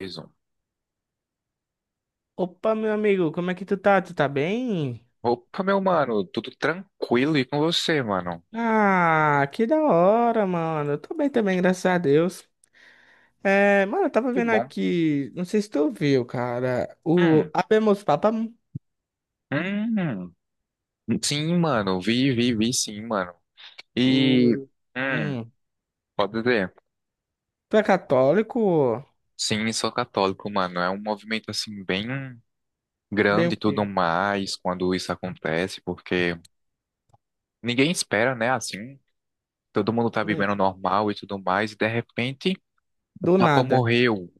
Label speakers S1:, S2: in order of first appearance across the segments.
S1: Mais um.
S2: Opa, meu amigo, como é que tu tá? Tu tá bem?
S1: Opa, meu mano, tudo tranquilo e com você, mano?
S2: Ah, que da hora, mano. Eu tô bem também, graças a Deus. É, mano, eu tava
S1: Que
S2: vendo
S1: bom.
S2: aqui, não sei se tu viu, cara,
S1: Hum,
S2: o Habemus Papam,
S1: hum. Sim, mano, vi, sim, mano. E,
S2: tu,
S1: hum,
S2: hum,
S1: pode dizer,
S2: tu é católico?
S1: sim, sou católico, mano. É um movimento, assim, bem
S2: Bem o
S1: grande e
S2: quê?
S1: tudo mais quando isso acontece, porque ninguém espera, né, assim. Todo mundo tá vivendo
S2: Hum.
S1: normal e tudo mais, e de repente o
S2: Do
S1: Papa
S2: nada.
S1: morreu.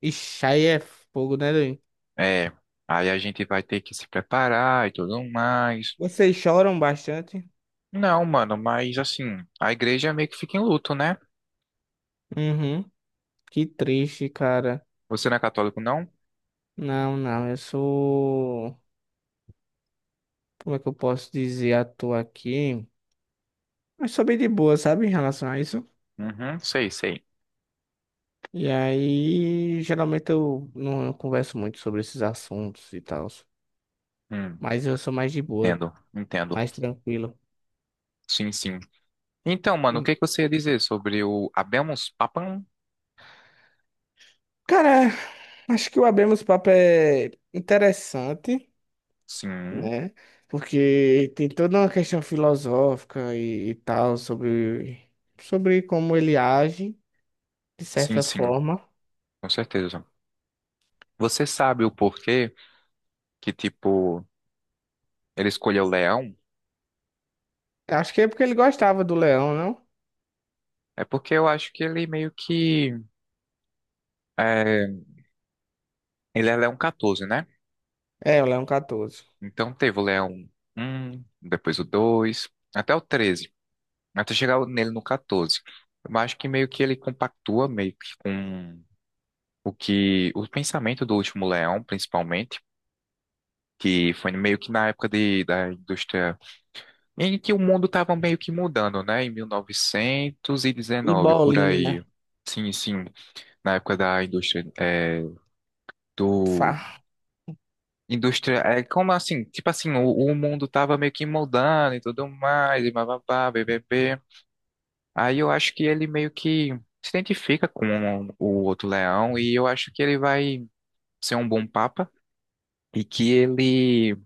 S2: Ixi, aí é fogo, né, doido?
S1: É, aí a gente vai ter que se preparar e tudo mais.
S2: Vocês choram bastante?
S1: Não, mano, mas assim, a igreja meio que fica em luto, né?
S2: Uhum, que triste, cara.
S1: Você não é católico, não?
S2: Não, não, eu sou, como é que eu posso dizer à toa aqui? Eu sou bem de boa, sabe, em relação a isso.
S1: Uhum, sei, sei.
S2: E aí, geralmente eu não eu converso muito sobre esses assuntos e tal.
S1: Hum,
S2: Mas eu sou mais de boa,
S1: entendo, entendo.
S2: mais tranquilo.
S1: Sim, sim. Então,
S2: E,
S1: mano, o que que você ia dizer sobre o Habemus Papam?
S2: cara, acho que o Abemos Papo é interessante,
S1: Sim,
S2: né? Porque tem toda uma questão filosófica e tal sobre como ele age, de
S1: sim,
S2: certa
S1: sim,
S2: forma.
S1: com certeza. Você sabe o porquê que, tipo, ele escolheu o leão?
S2: Acho que é porque ele gostava do Leão, não?
S1: É porque eu acho que ele meio que... é, ele é leão 14, né?
S2: É, o Leão 14.
S1: Então teve o leão um, depois o 2, até o treze, até chegar nele no 14. Eu acho que meio que ele compactua meio que com o pensamento do Último Leão, principalmente, que foi meio que na época de, da indústria em que o mundo estava meio que mudando, né? Em
S2: E
S1: 1919, por
S2: bolinha,
S1: aí. Sim, sim, na época da indústria é, do
S2: fa,
S1: indústria é como assim, tipo assim, o mundo tava meio que mudando e tudo mais, e bababá, bbb. Aí eu acho que ele meio que se identifica com o outro leão e eu acho que ele vai ser um bom papa e que ele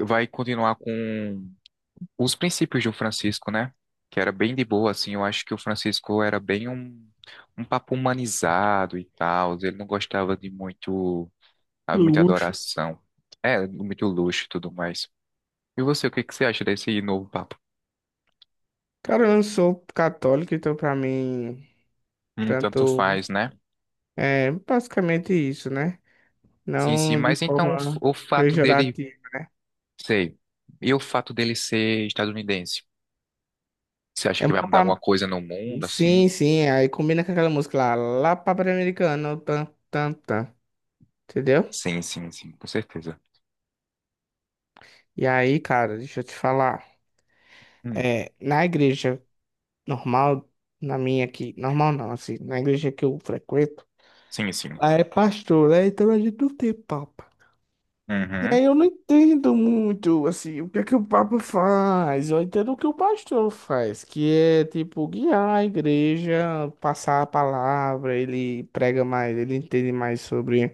S1: vai continuar com os princípios do Francisco, né? Que era bem de boa, assim. Eu acho que o Francisco era um papa humanizado e tal. Ele não gostava de muito, ah, muita
S2: luxo.
S1: adoração. É, muito luxo e tudo mais. E você, o que que você acha desse novo papa?
S2: Cara, eu não sou católico, então pra mim,
S1: Tanto
S2: tanto
S1: faz, né?
S2: é basicamente isso, né?
S1: Sim, sim,
S2: Não de
S1: mas então o
S2: forma
S1: o fato dele.
S2: pejorativa.
S1: Sei. E o fato dele ser estadunidense? Você acha
S2: É
S1: que
S2: um
S1: vai mudar
S2: papá.
S1: alguma coisa no mundo,
S2: Sim,
S1: assim?
S2: sim, aí combina com aquela música lá, lá papai americano, tan, tan, tan, entendeu?
S1: Sim, sim, sim, com certeza.
S2: E aí, cara, deixa eu te falar.
S1: Hum.
S2: É, na igreja normal, na minha aqui, normal não, assim, na igreja que eu frequento,
S1: Sim, sim.
S2: lá é pastor, né? Então a gente não tem papa. E
S1: Uhum.
S2: aí eu não entendo muito, assim, o que é que o Papa faz. Eu entendo o que o pastor faz, que é, tipo, guiar a igreja, passar a palavra, ele prega mais, ele entende mais sobre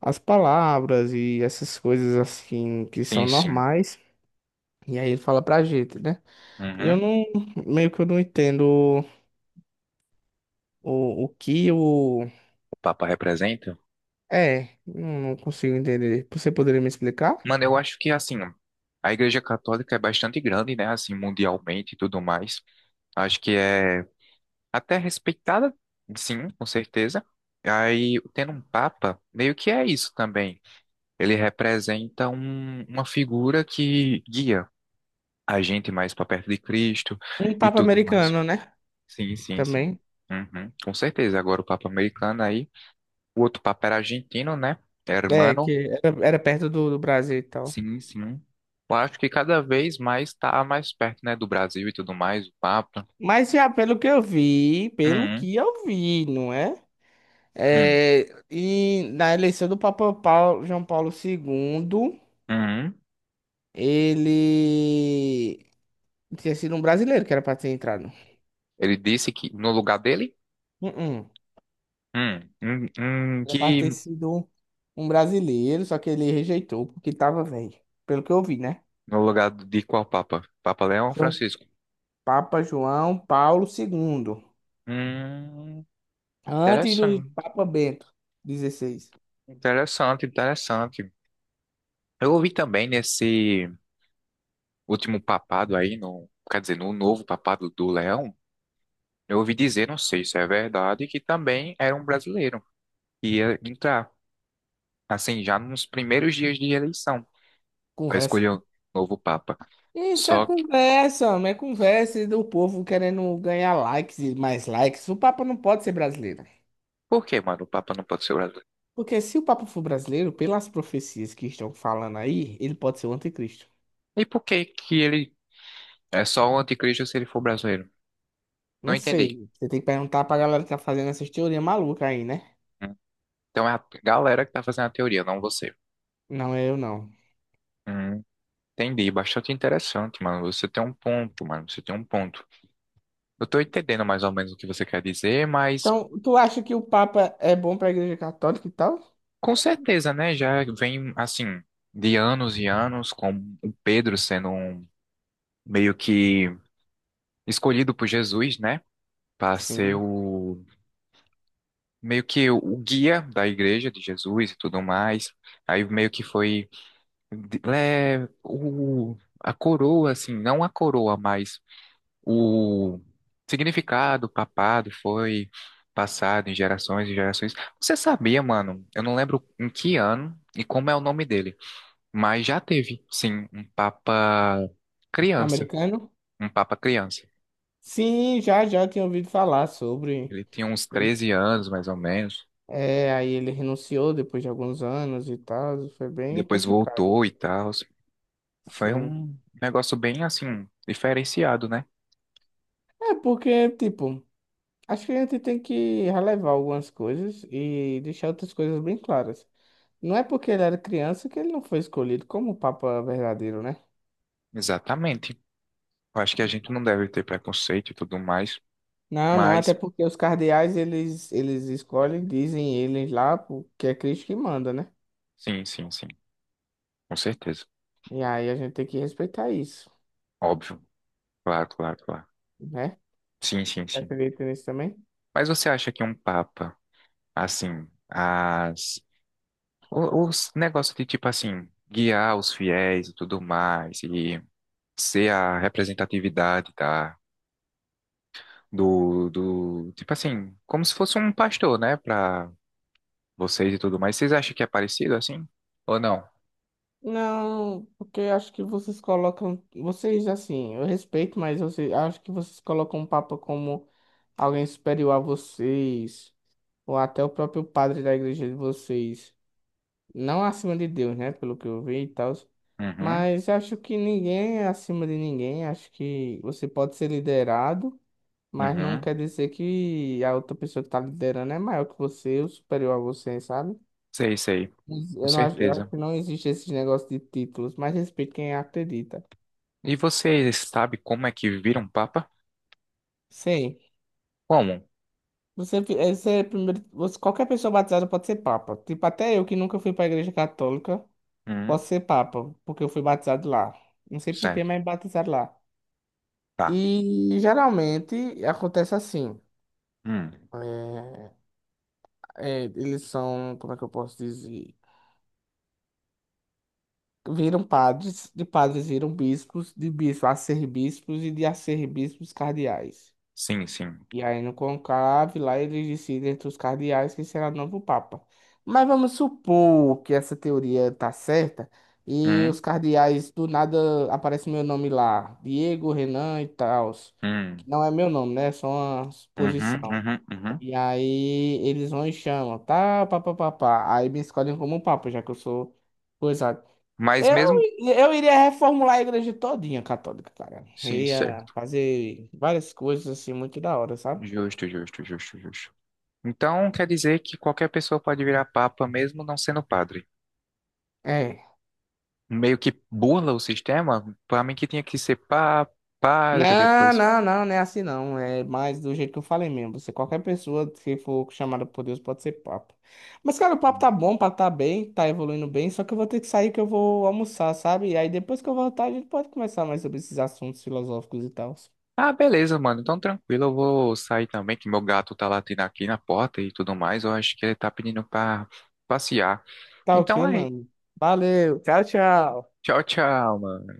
S2: as palavras e essas coisas, assim, que
S1: Sim,
S2: são
S1: sim.
S2: normais. E aí ele fala pra gente, né? E eu
S1: Uhum.
S2: não, meio que eu não entendo o que o...
S1: O Papa representa?
S2: É, não consigo entender. Você poderia me explicar?
S1: Mano, eu acho que, assim, a Igreja Católica é bastante grande, né? Assim, mundialmente e tudo mais. Acho que é até respeitada, sim, com certeza. Aí, tendo um Papa, meio que é isso também. Ele representa uma figura que guia a gente mais para perto de Cristo
S2: Um
S1: e
S2: Papa
S1: tudo mais.
S2: americano, né?
S1: Sim, sim, sim.
S2: Também.
S1: Uhum, com certeza. Agora o Papa americano aí. O outro Papa era argentino, né?
S2: É,
S1: Hermano.
S2: que era, era perto do Brasil e tal.
S1: Sim, sim. Eu acho que cada vez mais está mais perto, né, do Brasil e tudo mais, o Papa.
S2: Mas já pelo que eu vi, pelo
S1: Uhum,
S2: que eu vi, não é?
S1: uhum,
S2: É, e na eleição do Papa Paulo, João Paulo II,
S1: uhum.
S2: ele tinha sido um brasileiro que era para ter entrado.
S1: Ele disse que no lugar dele?
S2: Uh-uh. Era para
S1: Que
S2: ter sido um brasileiro, só que ele rejeitou porque tava velho. Pelo que eu vi, né?
S1: no lugar de qual Papa? Papa Leão ou
S2: João
S1: Francisco?
S2: Papa João Paulo II.
S1: Hum,
S2: Antes do
S1: interessante,
S2: Papa Bento XVI.
S1: interessante, interessante. Eu ouvi também nesse último papado aí, no, quer dizer, no novo papado do Leão, eu ouvi dizer, não sei se é verdade, que também era um brasileiro que ia entrar, assim, já nos primeiros dias de eleição, para
S2: Conversa.
S1: escolher o novo papa.
S2: Isso é
S1: Só que,
S2: conversa, homem, é conversa do povo querendo ganhar likes e mais likes. O Papa não pode ser brasileiro.
S1: por que, mano, o papa não pode ser brasileiro?
S2: Porque se o Papa for brasileiro, pelas profecias que estão falando aí, ele pode ser o anticristo.
S1: E por que que ele é só o anticristo se ele for brasileiro?
S2: Não
S1: Não entendi.
S2: sei. Você tem que perguntar pra galera que tá fazendo essas teorias malucas aí, né?
S1: Hum. Então é a galera que tá fazendo a teoria, não você.
S2: Não é eu, não.
S1: Hum, entendi, bastante interessante, mano. Você tem um ponto, mano, você tem um ponto. Eu tô entendendo mais ou menos o que você quer dizer, mas
S2: Então, tu acha que o Papa é bom pra Igreja Católica e tal?
S1: com certeza, né? Já vem, assim, de anos e anos, com o Pedro sendo um, meio que escolhido por Jesus, né? Para ser
S2: Sim.
S1: o, meio que o guia da igreja de Jesus e tudo mais. Aí meio que foi, de- é, o, a coroa, assim, não a coroa, mas o significado, o papado foi passado em gerações e gerações. Você sabia, mano? Eu não lembro em que ano e como é o nome dele. Mas já teve, sim, criança,
S2: Americano?
S1: um papa criança.
S2: Sim, já, já tinha ouvido falar sobre.
S1: Ele tinha uns
S2: E-
S1: 13 anos, mais ou menos.
S2: É, aí ele renunciou depois de alguns anos e tal. Foi bem
S1: Depois
S2: complicado.
S1: voltou e tal. Foi
S2: Sim.
S1: um negócio bem, assim, diferenciado, né?
S2: É porque, tipo, acho que a gente tem que relevar algumas coisas e deixar outras coisas bem claras. Não é porque ele era criança que ele não foi escolhido como Papa verdadeiro, né?
S1: Exatamente. Eu acho que a gente não deve ter preconceito e tudo mais,
S2: Não, não, até
S1: mas
S2: porque os cardeais, eles escolhem, dizem eles lá, porque é Cristo que manda, né?
S1: sim, sim, sim, com certeza.
S2: E aí a gente tem que respeitar isso,
S1: Óbvio. Claro, claro, claro.
S2: né?
S1: Sim, sim, sim.
S2: Acredita nisso também?
S1: Mas você acha que um papa, assim, as os negócios de tipo assim, guiar os fiéis e tudo mais, e ser a representatividade da, do tipo assim, como se fosse um pastor, né, para vocês e tudo mais. Vocês acham que é parecido assim? Ou não?
S2: Não, porque acho que vocês colocam. Vocês, assim, eu respeito, mas você, acho que vocês colocam o Papa como alguém superior a vocês, ou até o próprio padre da igreja de vocês. Não acima de Deus, né? Pelo que eu vi e tal.
S1: Uhum,
S2: Mas acho que ninguém é acima de ninguém. Acho que você pode ser liderado, mas não
S1: uhum.
S2: quer dizer que a outra pessoa que está liderando é maior que você ou superior a você, sabe?
S1: Sei, sei, com
S2: Eu não acho, eu acho
S1: certeza.
S2: que não existe esse negócio de títulos, mas respeito quem acredita.
S1: E vocês sabem como é que vira um papa?
S2: Sim.
S1: Como?
S2: Você, fi- esse é primeiro, você, qualquer pessoa batizada pode ser papa. Tipo, até eu que nunca fui pra igreja católica,
S1: Hum,
S2: posso ser papa, porque eu fui batizado lá. Não sei por que,
S1: certo,
S2: mas batizado lá.
S1: tá.
S2: E geralmente acontece assim.
S1: Hum,
S2: é, é, eles são, como é que eu posso dizer? Viram padres, de padres viram bispos, de bispos arcebispos e de arcebispos cardeais.
S1: sim, sim.
S2: E aí no conclave lá eles decidem entre os cardeais quem será o novo papa. Mas vamos supor que essa teoria tá certa e
S1: Hum,
S2: os cardeais do nada aparece meu nome lá, Diego, Renan e tal,
S1: hum,
S2: que não é meu nome, né? É só uma
S1: uhum,
S2: suposição.
S1: uhum, uhum.
S2: E aí eles vão e chamam, tá, papapá. Aí me escolhem como papa, já que eu sou coisado.
S1: Mas
S2: Eu,
S1: mesmo.
S2: eu iria reformular a igreja todinha católica, cara.
S1: Sim,
S2: Ia
S1: certo.
S2: fazer várias coisas assim muito da hora, sabe?
S1: Justo, justo, justo, justo. Então quer dizer que qualquer pessoa pode virar papa mesmo não sendo padre.
S2: É.
S1: Meio que burla o sistema, pra mim que tinha que ser pa, padre
S2: Não,
S1: depois.
S2: não, não, não é assim não. É mais do jeito que eu falei mesmo. Você, qualquer pessoa que for chamada por Deus pode ser papo. Mas, cara, o papo tá bom, o papo tá bem, tá evoluindo bem. Só que eu vou ter que sair que eu vou almoçar, sabe? E aí depois que eu voltar, a gente pode conversar mais sobre esses assuntos filosóficos e tal.
S1: Ah, beleza, mano. Então tranquilo, eu vou sair também, que meu gato tá latindo aqui na porta e tudo mais. Eu acho que ele tá pedindo pra passear.
S2: Tá
S1: Então
S2: ok,
S1: aí,
S2: mano. Valeu, tchau, tchau.
S1: tchau, tchau, mano.